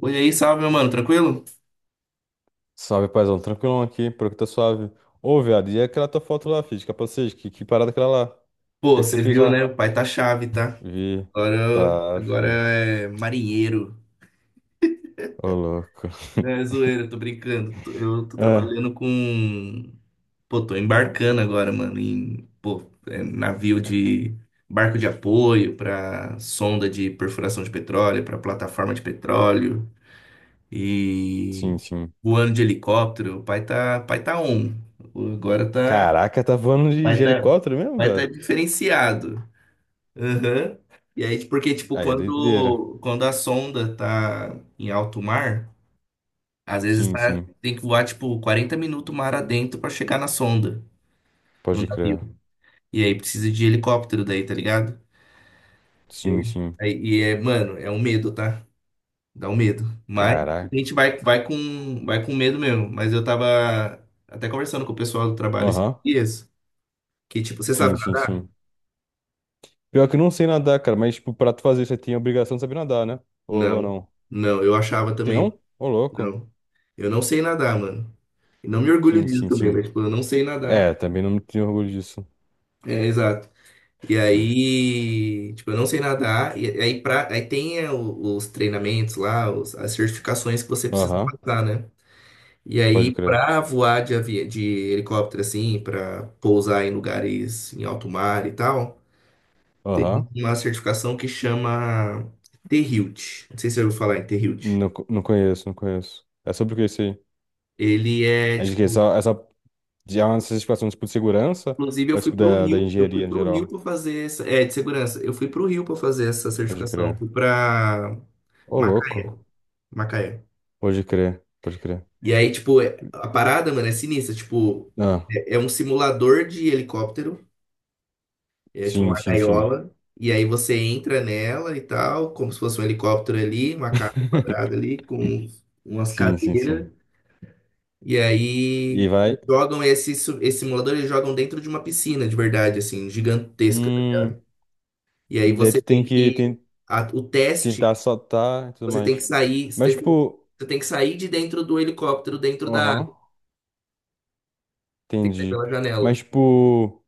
Oi aí, salve, meu mano, tranquilo? Salve, paizão, tranquilão aqui, por que tá suave. Ô, viado, e aquela tua foto lá, filho, de capacete, que parada aquela lá? O Pô, que é que você você fez viu, lá? né? O pai tá chave, tá? Vi, Agora, tá, agora filho, é marinheiro. ô louco. É zoeira, tô brincando. Eu tô Ah, trabalhando com. Pô, tô embarcando agora, mano, em pô, navio de. Barco de apoio pra sonda de perfuração de petróleo, pra plataforma de petróleo e sim, sim. voando de helicóptero. O pai tá on. Agora tá, Caraca, tá voando de, pai de tá, helicóptero mesmo, pai tá velho? diferenciado. Aham. E aí, tipo, porque, tipo, Aí é doideira. quando a sonda tá em alto mar, às vezes Sim, tá, sim, tem que voar, tipo, 40 minutos mar adentro pra chegar na sonda, no pode navio. crer. E aí precisa de helicóptero daí, tá ligado? E Sim, aí, sim, mano, é um medo, tá? Dá um medo. Mas a caraca. gente vai com medo mesmo. Mas eu tava até conversando com o pessoal do trabalho esses Aham, dias, que, tipo, você sim, sabe sim, nadar? sim. Pior que eu não sei nadar, cara, mas, tipo, pra tu fazer, você tem a obrigação de saber nadar, né? Ou Não. não? Não, eu achava Tem também. não? Ô, louco. Não. Eu não sei nadar, mano. E não me orgulho Sim, disso sim, também, sim. mas, tipo, eu não sei nadar. É, também não me tenho orgulho disso. É, exato. E Né? aí, tipo, eu não sei nadar. E aí, aí tem os treinamentos lá, as certificações que você precisa Aham, passar, né? E pode aí, crer. pra voar de helicóptero, assim, pra pousar em lugares em alto mar e tal, Aham, tem uma certificação que chama T-Hilt. Não sei se você ouviu falar em T-Hilt. não, não conheço, não conheço. É sobre o que isso aí? Ele é, É de que tipo. Já é uma certificação tipo de segurança Inclusive, eu ou é fui tipo para o da Rio, engenharia em geral? para fazer essa, de segurança. Eu fui para o Rio para fazer essa Pode certificação, eu crer. fui para Ô, louco. Macaé. Pode crer, pode crer. E aí, tipo, a parada, mano, é sinistra. Tipo, Ah, é um simulador de helicóptero, é tipo sim, uma sim, sim. gaiola, e aí você entra nela e tal, como se fosse um helicóptero ali, uma casa quadrada ali, com umas Sim, sim, cadeiras. sim. E E aí, eles vai. jogam esse simulador, eles jogam dentro de uma piscina, de verdade, assim, gigantesca. Hum, E aí daí você tu tem tem que que ten- o teste, tentar soltar e tudo você tem que mais. sair, Mas, você tem tipo. você tem que sair de dentro do helicóptero, dentro da água. Aham, Você tem que sair entendi. pela Mas, janela. tipo,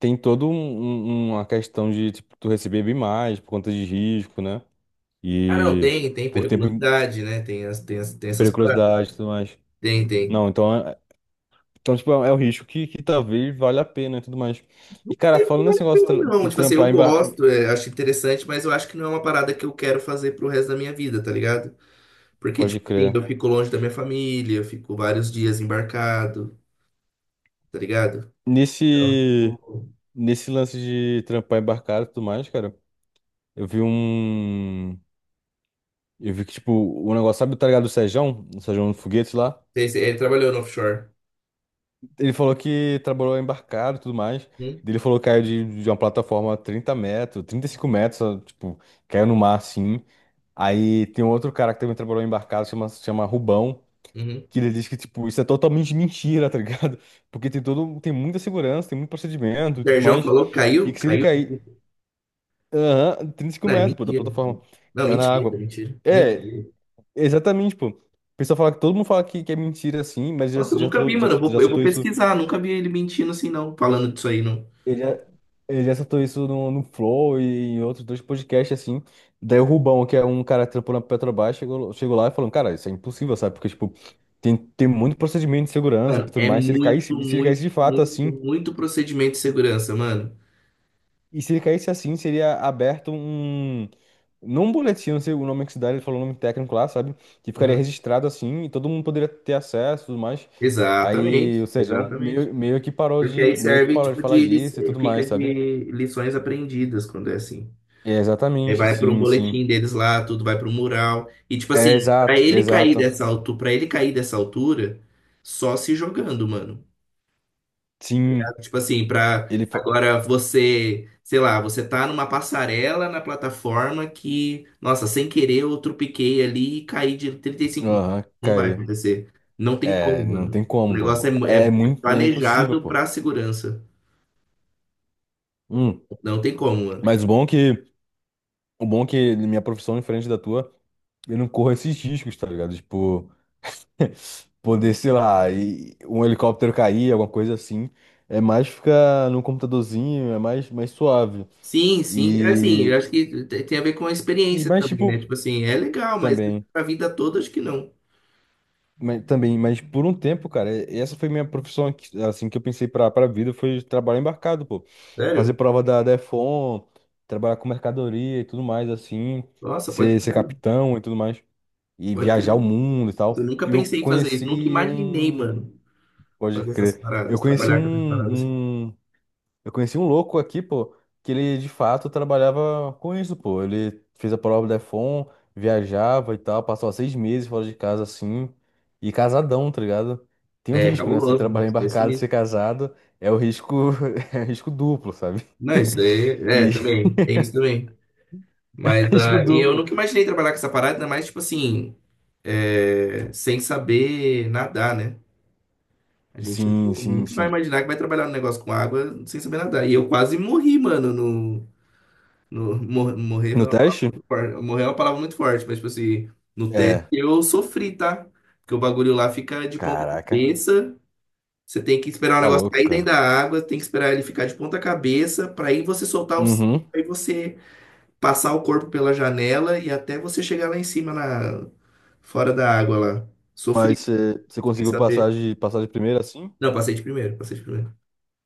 tem todo uma questão de tipo, tu receber bem mais por conta de risco, né? Ah, não, E tem por tempo, e periculosidade, né? Tem essas paradas. periculosidade e tudo mais. Tem, tem. Não, então, é, então tipo, é um risco que talvez valha a pena e tudo mais. E, cara, falando nesse negócio Eu não, de tipo assim, eu trampar em gosto, acho interessante, mas eu acho que não é uma parada que eu quero fazer pro resto da minha vida, tá ligado? Porque, pode tipo assim, crer. eu fico longe da minha família, eu fico vários dias embarcado, tá ligado? Então, Nesse, tipo, nesse lance de trampar embarcado e tudo mais, cara, eu vi um... Eu vi que, tipo, o negócio, sabe, tá ligado? O Sejão do Foguete lá. Ele trabalhou no offshore. Ele falou que trabalhou embarcado e tudo mais. Hum? Ele falou que caiu de uma plataforma 30 metros, 35 metros, ó, tipo, caiu no mar assim. Aí tem outro cara que também trabalhou embarcado, chama Rubão, Uhum. que ele diz que, tipo, isso é totalmente mentira, tá ligado? Porque tem todo, tem muita segurança, tem muito O procedimento e tudo Sérgio mais. falou, E caiu, que se ele caiu cair, aham, 35 É metros, pô, da mentira. plataforma, Não, caiu na mentira, água. mentira, É, mentira. exatamente, pô. O pessoal fala que todo mundo fala que é mentira assim, mas Nossa, eu nunca vi, mano. Eu já vou, eu vou soltou isso. pesquisar, nunca vi ele mentindo assim, não, falando disso aí, não. Ele já, ele já soltou isso no Flow e em outros dois podcasts, assim. Daí o Rubão, que é um cara que trampou na Petrobras, chegou lá e falou, cara, isso é impossível, sabe? Porque, tipo, tem muito procedimento de segurança e Mano, tudo é mais. Muito, Se ele caísse muito, de fato muito, assim, muito procedimento de segurança, mano. e se ele caísse assim, seria aberto um... Não, um boletim, não sei o nome que se dá, ele falou o nome técnico lá, sabe? Que ficaria Uhum. registrado assim, e todo mundo poderia ter acesso e tudo mais. Aí, Exatamente, ou seja, é um exatamente. meio, Porque aí meio que serve, parou de tipo, falar disso e tudo fica mais, sabe? de lições aprendidas quando é assim. É, Aí exatamente, vai para um sim, sim. boletim deles lá, tudo vai para um mural. E, tipo É, assim, pra exato, ele cair exato. dessa altura, para ele cair dessa altura, só se jogando, mano. Sim, Tipo assim, pra ele falou. agora você, sei lá, você tá numa passarela na plataforma que, nossa, sem querer eu tropiquei ali e caí de 35 mil. Aham, Não vai caiu. acontecer. Não tem como, É, não tem mano. O como, negócio pô. é, mu- é- É é muito, é impossível, planejado pô. pra segurança. Hum. Não tem como, mano. Mas o bom é que minha profissão é diferente da tua, eu não corro esses riscos, tá ligado? Tipo, poder, sei lá, e um helicóptero cair, alguma coisa assim. É mais ficar no computadorzinho, é mais, mais suave. Sim, sim. É. Assim, eu E, acho que tem a ver com a e experiência mais, também, tipo, né? Tipo assim, é legal, mas também. pra vida toda acho que não. Mas, também, mas por um tempo, cara, essa foi minha profissão, assim, que eu pensei pra vida, foi trabalho embarcado, pô. Fazer Sério? prova da DEFON, trabalhar com mercadoria e tudo mais, assim, Nossa, pode ser crer, capitão e tudo mais, e pode viajar o crer. mundo e tal. Eu nunca E eu pensei em fazer isso, nunca conheci imaginei, um, mano, pode fazer essas crer, eu paradas, conheci trabalhar com essas paradas assim. Eu conheci um louco aqui, pô, que ele de fato trabalhava com isso, pô. Ele fez a prova da Defon, viajava e tal, passou 6 meses fora de casa assim, e casadão, tá ligado? Tem um É, risco, né? Se cabuloso, trabalhar esquece embarcado, ser nisso. casado, é o risco, é risco duplo, sabe? Não, isso aí, E é, também, tem isso também. Mas, risco ah, e eu duplo. nunca imaginei trabalhar com essa parada, ainda mais, tipo assim, sem saber nadar, né? A gente Sim, sim, nunca vai sim. imaginar que vai trabalhar um negócio com água sem saber nadar. E eu quase morri, mano, no, no, mor- morrer, é No uma teste? palavra- Morrer é uma palavra muito forte, mas, tipo assim, no teste É. eu sofri, tá? Porque o bagulho lá fica de ponta Caraca, cabeça. Você tem que esperar o tá negócio louco, cair dentro cara. da água, tem que esperar ele ficar de ponta cabeça para aí você soltar o cinto, Uhum. aí você passar o corpo pela janela e até você chegar lá em cima na fora da água lá. Sofri, Mas você sem conseguiu saber. passar passar de primeira assim? Não, passei de primeiro, passei de primeiro.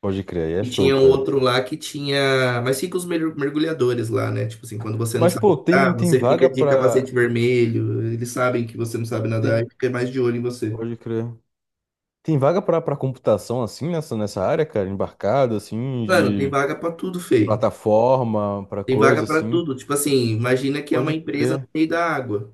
Pode crer, aí é E show, tinha um cara. outro lá que tinha, mas fica os mergulhadores lá, né? Tipo assim, quando você não Mas, sabe pô, nadar, tem você vaga fica de pra. capacete vermelho, eles sabem que você não sabe nadar e Tem. fica mais de olho em você. Pode crer. Tem vaga pra computação, assim, nessa área, cara? Embarcado, assim, Mano, tem de vaga pra tudo, feio. plataforma, pra Tem vaga coisa, para assim. tudo. Tipo assim, imagina que é uma Pode empresa no crer. meio da água.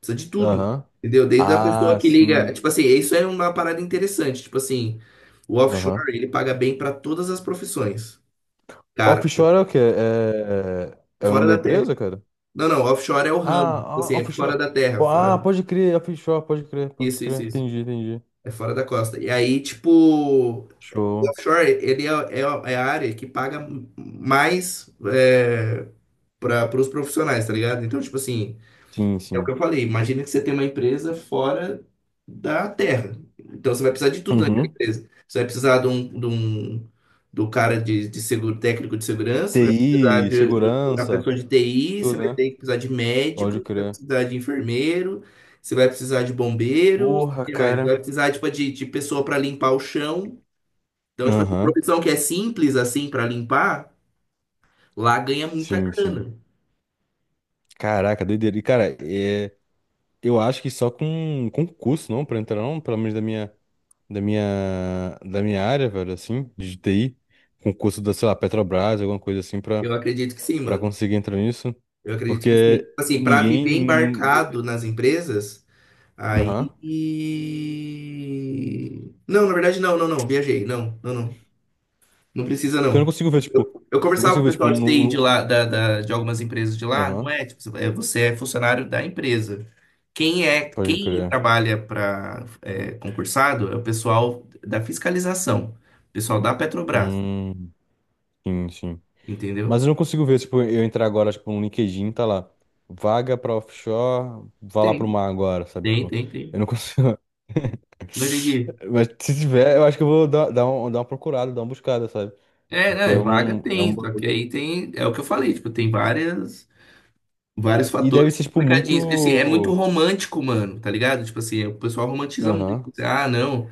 Precisa de tudo. Aham. Entendeu? Desde a pessoa Ah, que liga. sim. Tipo assim, isso é uma parada interessante. Tipo assim, o Aham. offshore, ele paga bem para todas as profissões. Cara, Offshore é o quê? É, é é o fora nome da da terra. empresa, cara? Não, não, offshore é o ramo. Tipo Ah, assim, ah, é fora offshore. da terra. Pô, Fora. ah, pode crer, offshore, pode crer, pode Isso, crer. isso, isso. Entendi, entendi. É fora da costa. E aí, tipo, o Show. offshore, ele é a área que paga mais para os profissionais, tá ligado? Então, tipo assim. Sim, É o que sim. eu falei. Imagina que você tem uma empresa fora da Terra. Então você vai precisar de tudo naquela Uhum. empresa. Você vai precisar do cara de seguro, técnico de segurança, vai precisar TI, de uma segurança, pessoa de TI, você vai tudo, né? ter que precisar de médico, Pode você vai crer. precisar de enfermeiro, você vai precisar de bombeiros, o Porra, que mais? Você vai cara. precisar tipo, de pessoa para limpar o chão. Então, tipo, essa Aham, profissão que é simples assim para limpar, lá ganha muita sim, sim. grana. Caraca, doideira. E, cara, é, eu acho que só com concurso, não, pra entrar, não, pelo menos da minha área, velho, assim, de TI, concurso da, sei lá, Petrobras, alguma coisa assim, pra, Eu acredito que sim, pra mano. conseguir entrar nisso, Eu acredito que porque sim. Assim, para viver ninguém, embarcado nas empresas, aham, aí. Não, na verdade, não, não, não. Viajei. Não, não, não. Não precisa, porque eu não não. consigo ver, tipo, Eu eu não conversava com consigo o ver, tipo, pessoal de TI de no, lá, de algumas empresas de lá, não aham, é, tipo, você é funcionário da empresa. Pode Quem crer. trabalha para concursado é o pessoal da fiscalização, o pessoal da Petrobras, Hum, sim, sim. entendeu? Mas eu não consigo ver, tipo, eu entrar agora, tipo, no LinkedIn, tá lá. Vaga pra offshore, vá lá pro Tem, mar agora, sabe? tem, Tipo, tem, eu tem. não consigo. Não entendi. Mas se tiver, eu acho que eu vou dar uma procurada, dar uma buscada, sabe? É, Porque né, vaga é um tem, só bagulho. que aí tem, é o que eu falei, tipo, tem vários E deve fatores ser, tipo, complicadinhos. Porque, assim, é muito muito. romântico, mano, tá ligado? Tipo assim, o pessoal romantiza muito, Aham. assim. Ah, não,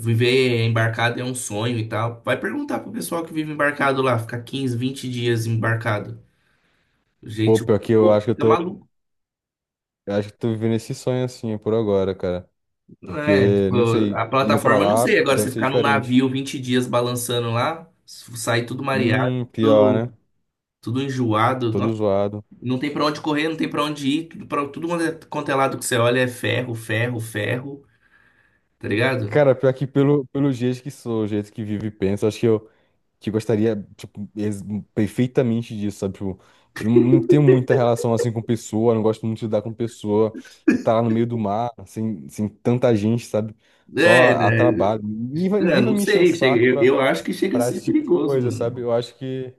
viver embarcado é um sonho e tal. Vai perguntar pro pessoal que vive embarcado lá, ficar 15, 20 dias embarcado. Pô, Gente, o pior que eu povo acho que eu fica tô. maluco, Eu acho que eu tô vivendo esse sonho assim é por agora, cara. né? Porque, não Tipo, sei, a indo pra plataforma, não lá sei, agora deve você ser ficar num diferente. navio 20 dias balançando lá, sair tudo mareado, Pior, né? tudo, tudo enjoado. Todo zoado. Não tem pra onde correr, não tem pra onde ir, tudo, tudo quanto é lado que você olha é ferro, ferro, ferro, tá ligado? Cara, pior que pelo, pelo jeito que sou, o jeito que vivo e penso, acho que eu que gostaria, tipo, perfeitamente disso, sabe? Tipo, eu não tenho muita relação, assim, com pessoa, não gosto muito de lidar com pessoa, e tá lá no meio do mar, sem tanta gente, sabe? Só É, a né? trabalho. É, Ninguém vai não me encher o sei, chega- saco eu, pra, eu acho que chega a pra ser esse tipo de perigoso, coisa, sabe? mano.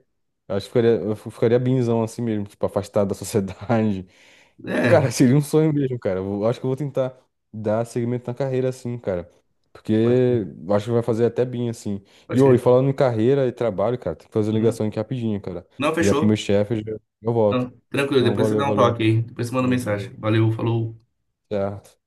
Eu acho que ficaria, eu ficaria binzão assim mesmo, tipo, afastado da sociedade. É, Cara, seria um sonho mesmo, cara. Eu acho que eu vou tentar dar segmento na carreira assim, cara. Porque pode crer, eu acho que vai fazer até bem assim. E, pode ô, e crer. falando em carreira e trabalho, cara, tem que fazer Uhum. ligação aqui rapidinho, cara. Não, Ligar pro meu fechou. chefe, eu volto. Não, tranquilo, Não, depois você valeu, dá um valeu. toque aí, depois você manda Show, mensagem. show. Valeu, falou. Certo.